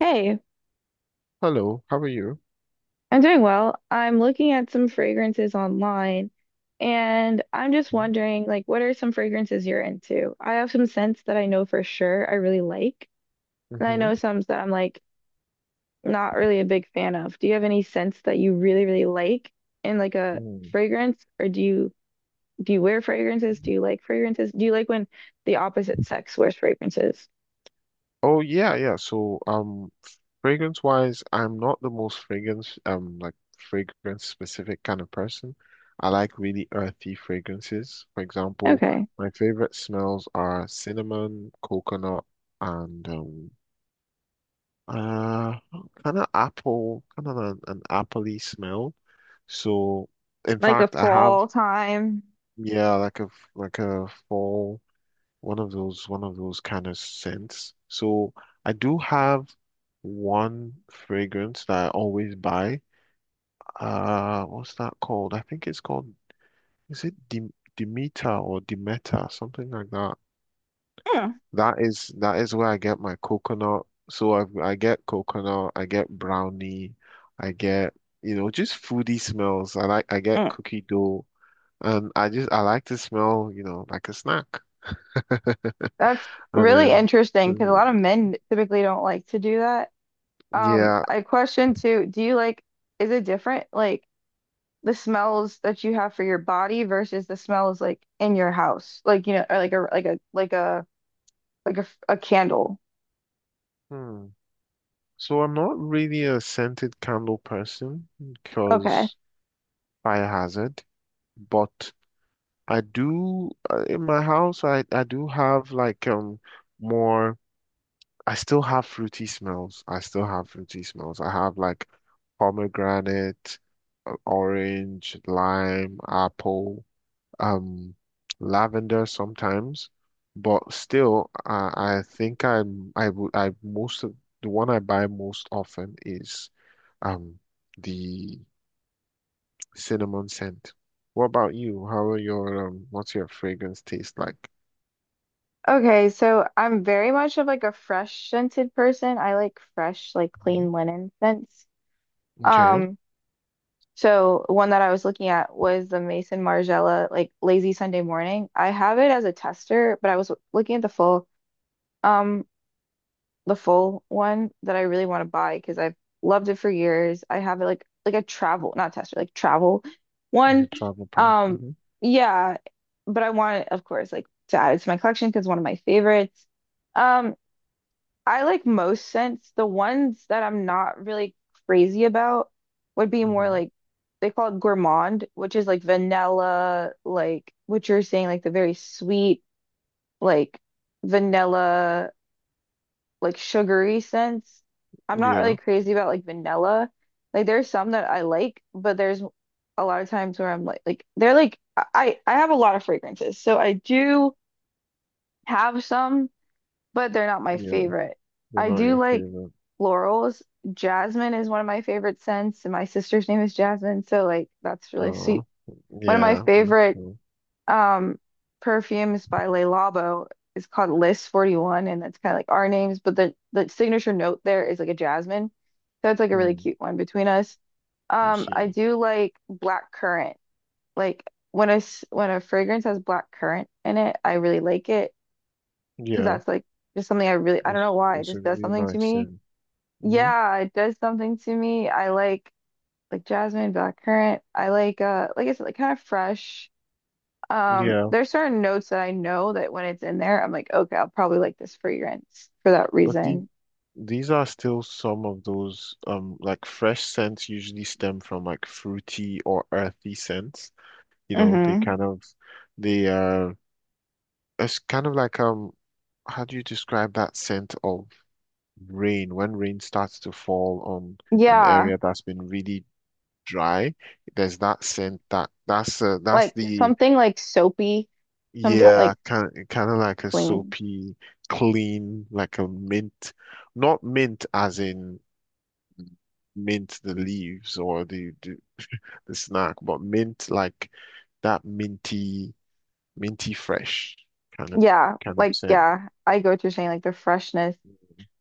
Hey, Hello, how are you? I'm doing well. I'm looking at some fragrances online and I'm just wondering, like, what are some fragrances you're into? I have some scents that I know for sure I really like, and I Mm-hmm. know some that I'm like not really a big fan of. Do you have any scents that you really really like in like a Mm. fragrance, or do you wear fragrances? Do you like fragrances? Do you like when the opposite sex wears fragrances? Oh yeah, yeah. So fragrance wise, I'm not the most fragrance specific kind of person. I like really earthy fragrances. For example, Okay. my favorite smells are cinnamon, coconut, and uh kind of apple, kind of an appley smell. So in Like a fact, I have. fall time. Yeah, like a fall, one of those kind of scents. So I do have one fragrance that I always buy. What's that called? I think it's called, is it Dim Demeter or Demeter, something like that. Mm, That is where I get my coconut. So I get coconut, I get brownie, I get, just foodie smells. I get mm. cookie dough and I like to smell like a snack. That's And really then, interesting because a mm, lot of men typically don't like to do that. Yeah. I question too, do you like, is it different, like the smells that you have for your body versus the smells like in your house, like you know, or like a a candle. Hmm. So I'm not really a scented candle person Okay. because fire hazard, but I do in my house, I do have like more I still have fruity smells. I have like pomegranate, orange, lime, apple, um lavender sometimes, but still, I think I'm I would I most of the one I buy most often is um the cinnamon scent. What about you? How are your What's your fragrance taste like? Okay, so I'm very much of like a fresh scented person. I like fresh, like Mhm. clean linen scents. Okay, Um, So one that I was looking at was the Mason Margiela like Lazy Sunday Morning. I have it as a tester, but I was looking at um the full one that I really want to buy because I've loved it for years. I have it like a travel, not tester, like travel like a one. travel pack. Um Hmm. yeah, but I want it, of course, like to add it to my collection because it's one of my favorites. Um I like most scents. The ones that I'm not really crazy about would be more Hmm. like they call it gourmand, which is like vanilla, like what you're saying, like the very sweet, like vanilla, like sugary scents. I'm not really Yeah, crazy about like vanilla. Like there's some that I like, but there's a lot of times where I'm like they're like I have a lot of fragrances. So I do have some, but they're not my yeah, favorite. they're I not do your like favorite. florals. Jasmine is one of my favorite scents, and my sister's name is Jasmine, so like that's really Oh, sweet. One of my yeah, that's favorite cool. um perfumes by Le Labo is called List 41, and that's kind of like our names, but the signature note there is like a jasmine. So it's like a really Hmm, cute one between us. I I see. do like black currant. Like when a fragrance has black currant in it, I really like it. Cause Yeah, that's like just something I really, I don't it's know why, it it's a just does really something to nice me. scent. Hmm. Yeah, it does something to me. I like jasmine, blackcurrant. I like I said, like kind of fresh. Yeah. There's certain notes that I know that when it's in there, I'm like, okay, I'll probably like this fragrance for that But reason. these are still some of those like fresh scents usually stem from like fruity or earthy scents. You know, they Mm-hmm. kind of they it's kind of like how do you describe that scent of rain when rain starts to fall on an Yeah, area that's been really dry? There's that scent that that's like the something like soapy, sometimes yeah, like kind of like a clean. soapy clean, like a mint, not mint as in mint the leaves, or the snack, but mint like that minty fresh kind of Yeah, kind of like scent. yeah, I go to saying like the freshness.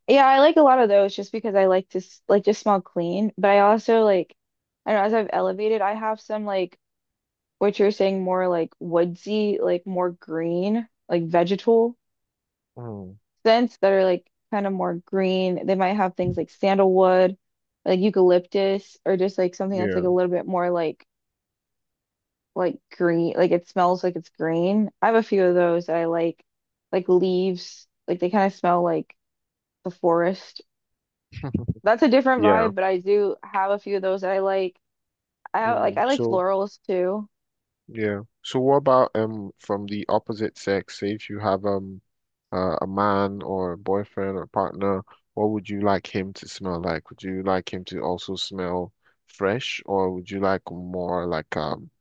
Yeah, I like a lot of those just because I like to like just smell clean, but I also like I don't know, as I've elevated, I have some like what you're saying, more like woodsy, like more green, like vegetal Mm, scents that are like kind of more green. They might have things like sandalwood, like eucalyptus, or just like something that's like yeah, a little bit more like green, like it smells like it's green. I have a few of those that I like leaves, like they kind of smell like the forest. That's a different yeah. vibe, but I do have a few of those that I like. I like Mm. I like So florals too. yeah. So what about from the opposite sex? Say if you have a man, or a boyfriend or partner, what would you like him to smell like? Would you like him to also smell fresh, or would you like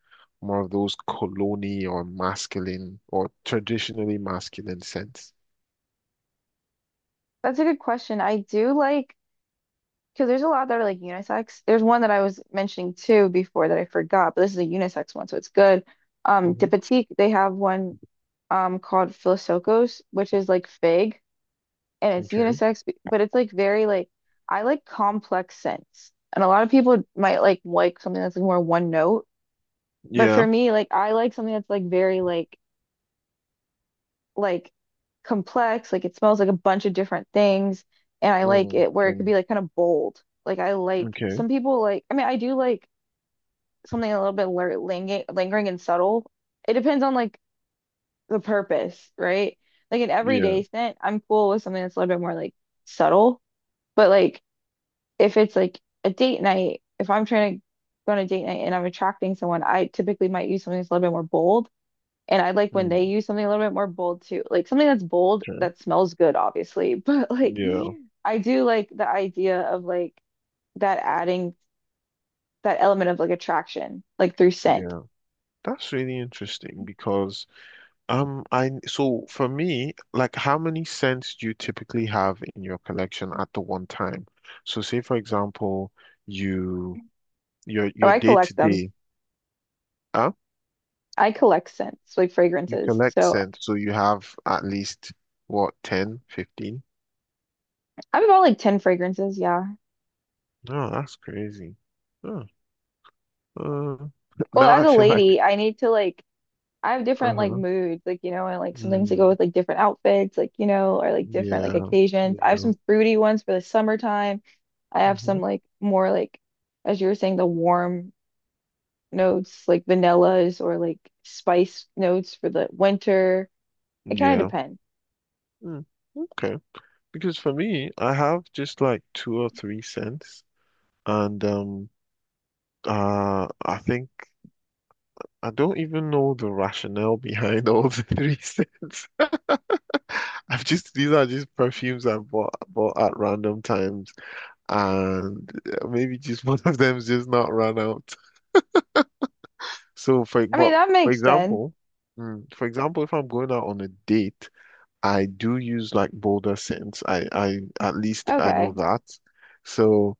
more of those cologne or masculine or traditionally masculine scents? That's a good question. I do like because there's a lot that are like unisex. There's one that I was mentioning too before that I forgot, but this is a unisex one, so it's good. De Hmm. Petite, they have one called Philosokos, which is like fig and it's Okay. unisex, but it's like very like I like complex scents. And a lot of people might like something that's like more one note, but for Yeah. me, like I like something that's like very like complex, like it smells like a bunch of different things, and I like Mm. it where it could And be like kind of bold. Like I like okay. some people like I mean I do like something a little bit lingering and subtle. It depends on like the purpose, right? Like an Yeah. everyday scent, I'm cool with something that's a little bit more like subtle, but like if it's like a date night, if I'm trying to go on a date night and I'm attracting someone, I typically might use something that's a little bit more bold, and I like when they Mm. use something a little bit more bold too, like something that's bold Okay. that smells good, obviously. But like, Yeah. I do like the idea of like that adding that element of like attraction, like through scent. Yeah. That's really interesting because I so for me, like how many cents do you typically have in your collection at the one time? So say for example, you your Oh, your I day to collect them. day. I collect scents, like You fragrances. collect So cents, so you have at least what, 10, 15? I have about like 10 fragrances. Yeah. No, that's crazy. Huh. Uh, Well, Now as I a feel like, lady, I need to like I have different like uh-huh. moods, like you know, and like sometimes I go Mm, with like different outfits, like you know, or like different like yeah, occasions. I have yeah, some fruity ones for the summertime. I have hmm, some like more like as you were saying, the warm notes like vanillas or like spice notes for the winter. It kind of yeah. depends. Mm, okay. Because for me, I have just like two or three cents, and I think I don't even know the rationale behind all the three cents. I've just These are just perfumes I bought at random times, and maybe just one of them's just not run out. So for I mean, but that for makes sense. example, mm, for example, if I'm going out on a date, I do use like bolder scents. I at least I know Okay. that. So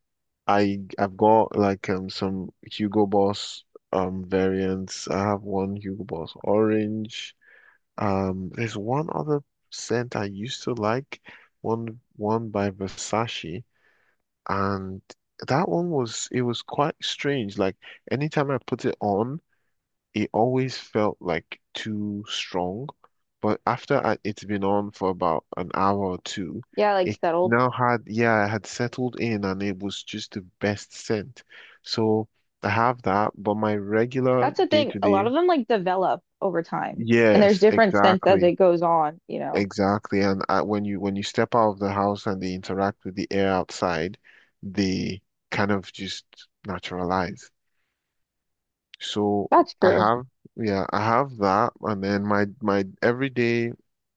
I've got like some Hugo Boss variants. I have one Hugo Boss orange. There's one other scent I used to like, one by Versace. And that one was, it was quite strange. Like anytime I put it on, it always felt like too strong. But after it's been on for about an hour or two, Yeah, like settled. Yeah, it had settled in, and it was just the best scent. So I have that, but my regular That's the day thing. to A lot day, of them like develop over time, and there's yes, different scents as it exactly. goes on, you know. Exactly, and when you step out of the house and they interact with the air outside, they kind of just naturalize. So That's I true. have, yeah, I have that, and then my everyday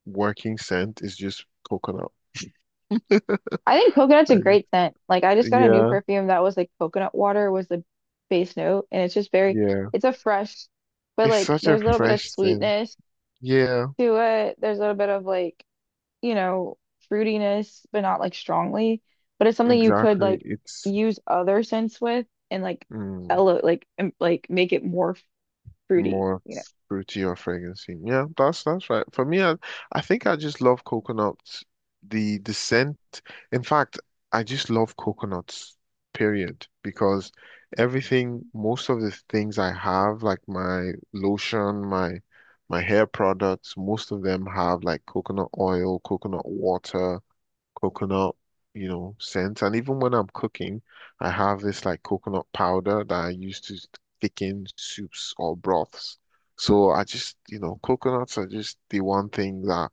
working scent is just coconut. I think coconut's a I just- great scent. Like I just got a new yeah, perfume that was like coconut water was the base note and it's just very yeah, it's a fresh but it's like such a there's a little bit of fresh scent. sweetness Yeah, to it. There's a little bit of like, you know, fruitiness, but not like strongly. But it's something you could exactly. like It's. use other scents with and like Mm. Like make it more fruity, More you know. fruity or fragrancy. Yeah, that's right. For me, I think I just love coconuts. The scent. In fact, I just love coconuts, period, because everything, most of the things I have, like my lotion, my hair products, most of them have like coconut oil, coconut water, coconut, scent. And even when I'm cooking, I have this like coconut powder that I use to thicken soups or broths. So I just, coconuts are just the one thing that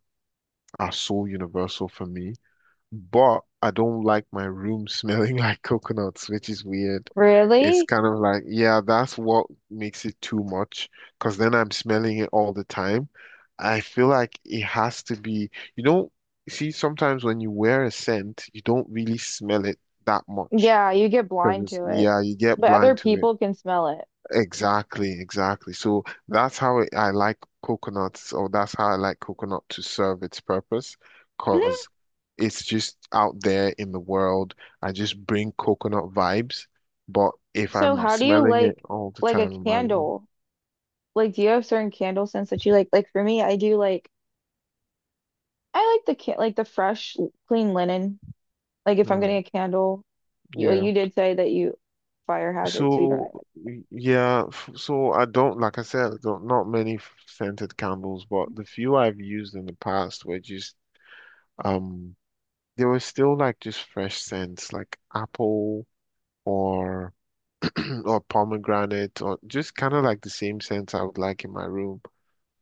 are so universal for me. But I don't like my room smelling like coconuts, which is weird. It's Really? kind of like, yeah, that's what makes it too much, because then I'm smelling it all the time. I feel like it has to be, you know, see, sometimes when you wear a scent, you don't really smell it that much Yeah, you get because blind to it. yeah, you get But other blind to it. people can smell it. Exactly, exactly. So I like coconuts, or that's how I like coconut to serve its purpose, Mhm. because it's just out there in the world. I just bring coconut vibes, but if So I'm how do you smelling it all the like a time in my room, candle? Like, do you have certain candle scents that you like? Like for me, I do like I like the can like the fresh, clean linen. Like if I'm getting mm, a candle, you like, yeah. you did say that you fire hazard, so you don't really So like. Yeah, so I don't, like I said, I don't, not many scented candles, but the few I've used in the past were just um. There were still like just fresh scents, like apple or or pomegranate, or just kind of like the same scents I would like in my room,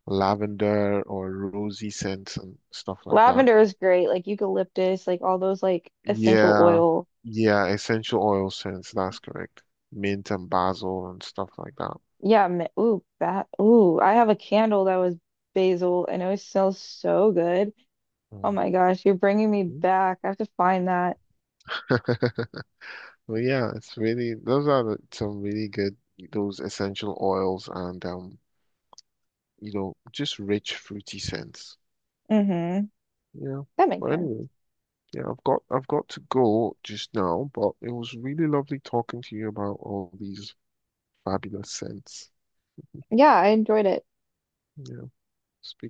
lavender or rosy scents and stuff like that. Lavender is great. Like eucalyptus, like all those like essential Yeah, oil. yeah, essential oil scents, that's correct. Mint and basil and stuff like that. Yeah. Ooh, that. Ooh, I have a candle that was basil, and it smells so good. Oh Mm. my gosh, you're bringing me back. I have to find that. Well, yeah, it's really those are the, some really good. Those essential oils and just rich fruity scents. Mm-hmm. Yeah. That makes But sense. anyway. Yeah, I've got to go just now, but it was really lovely talking to you about all these fabulous scents. Yeah, I enjoyed it. Yeah, speak.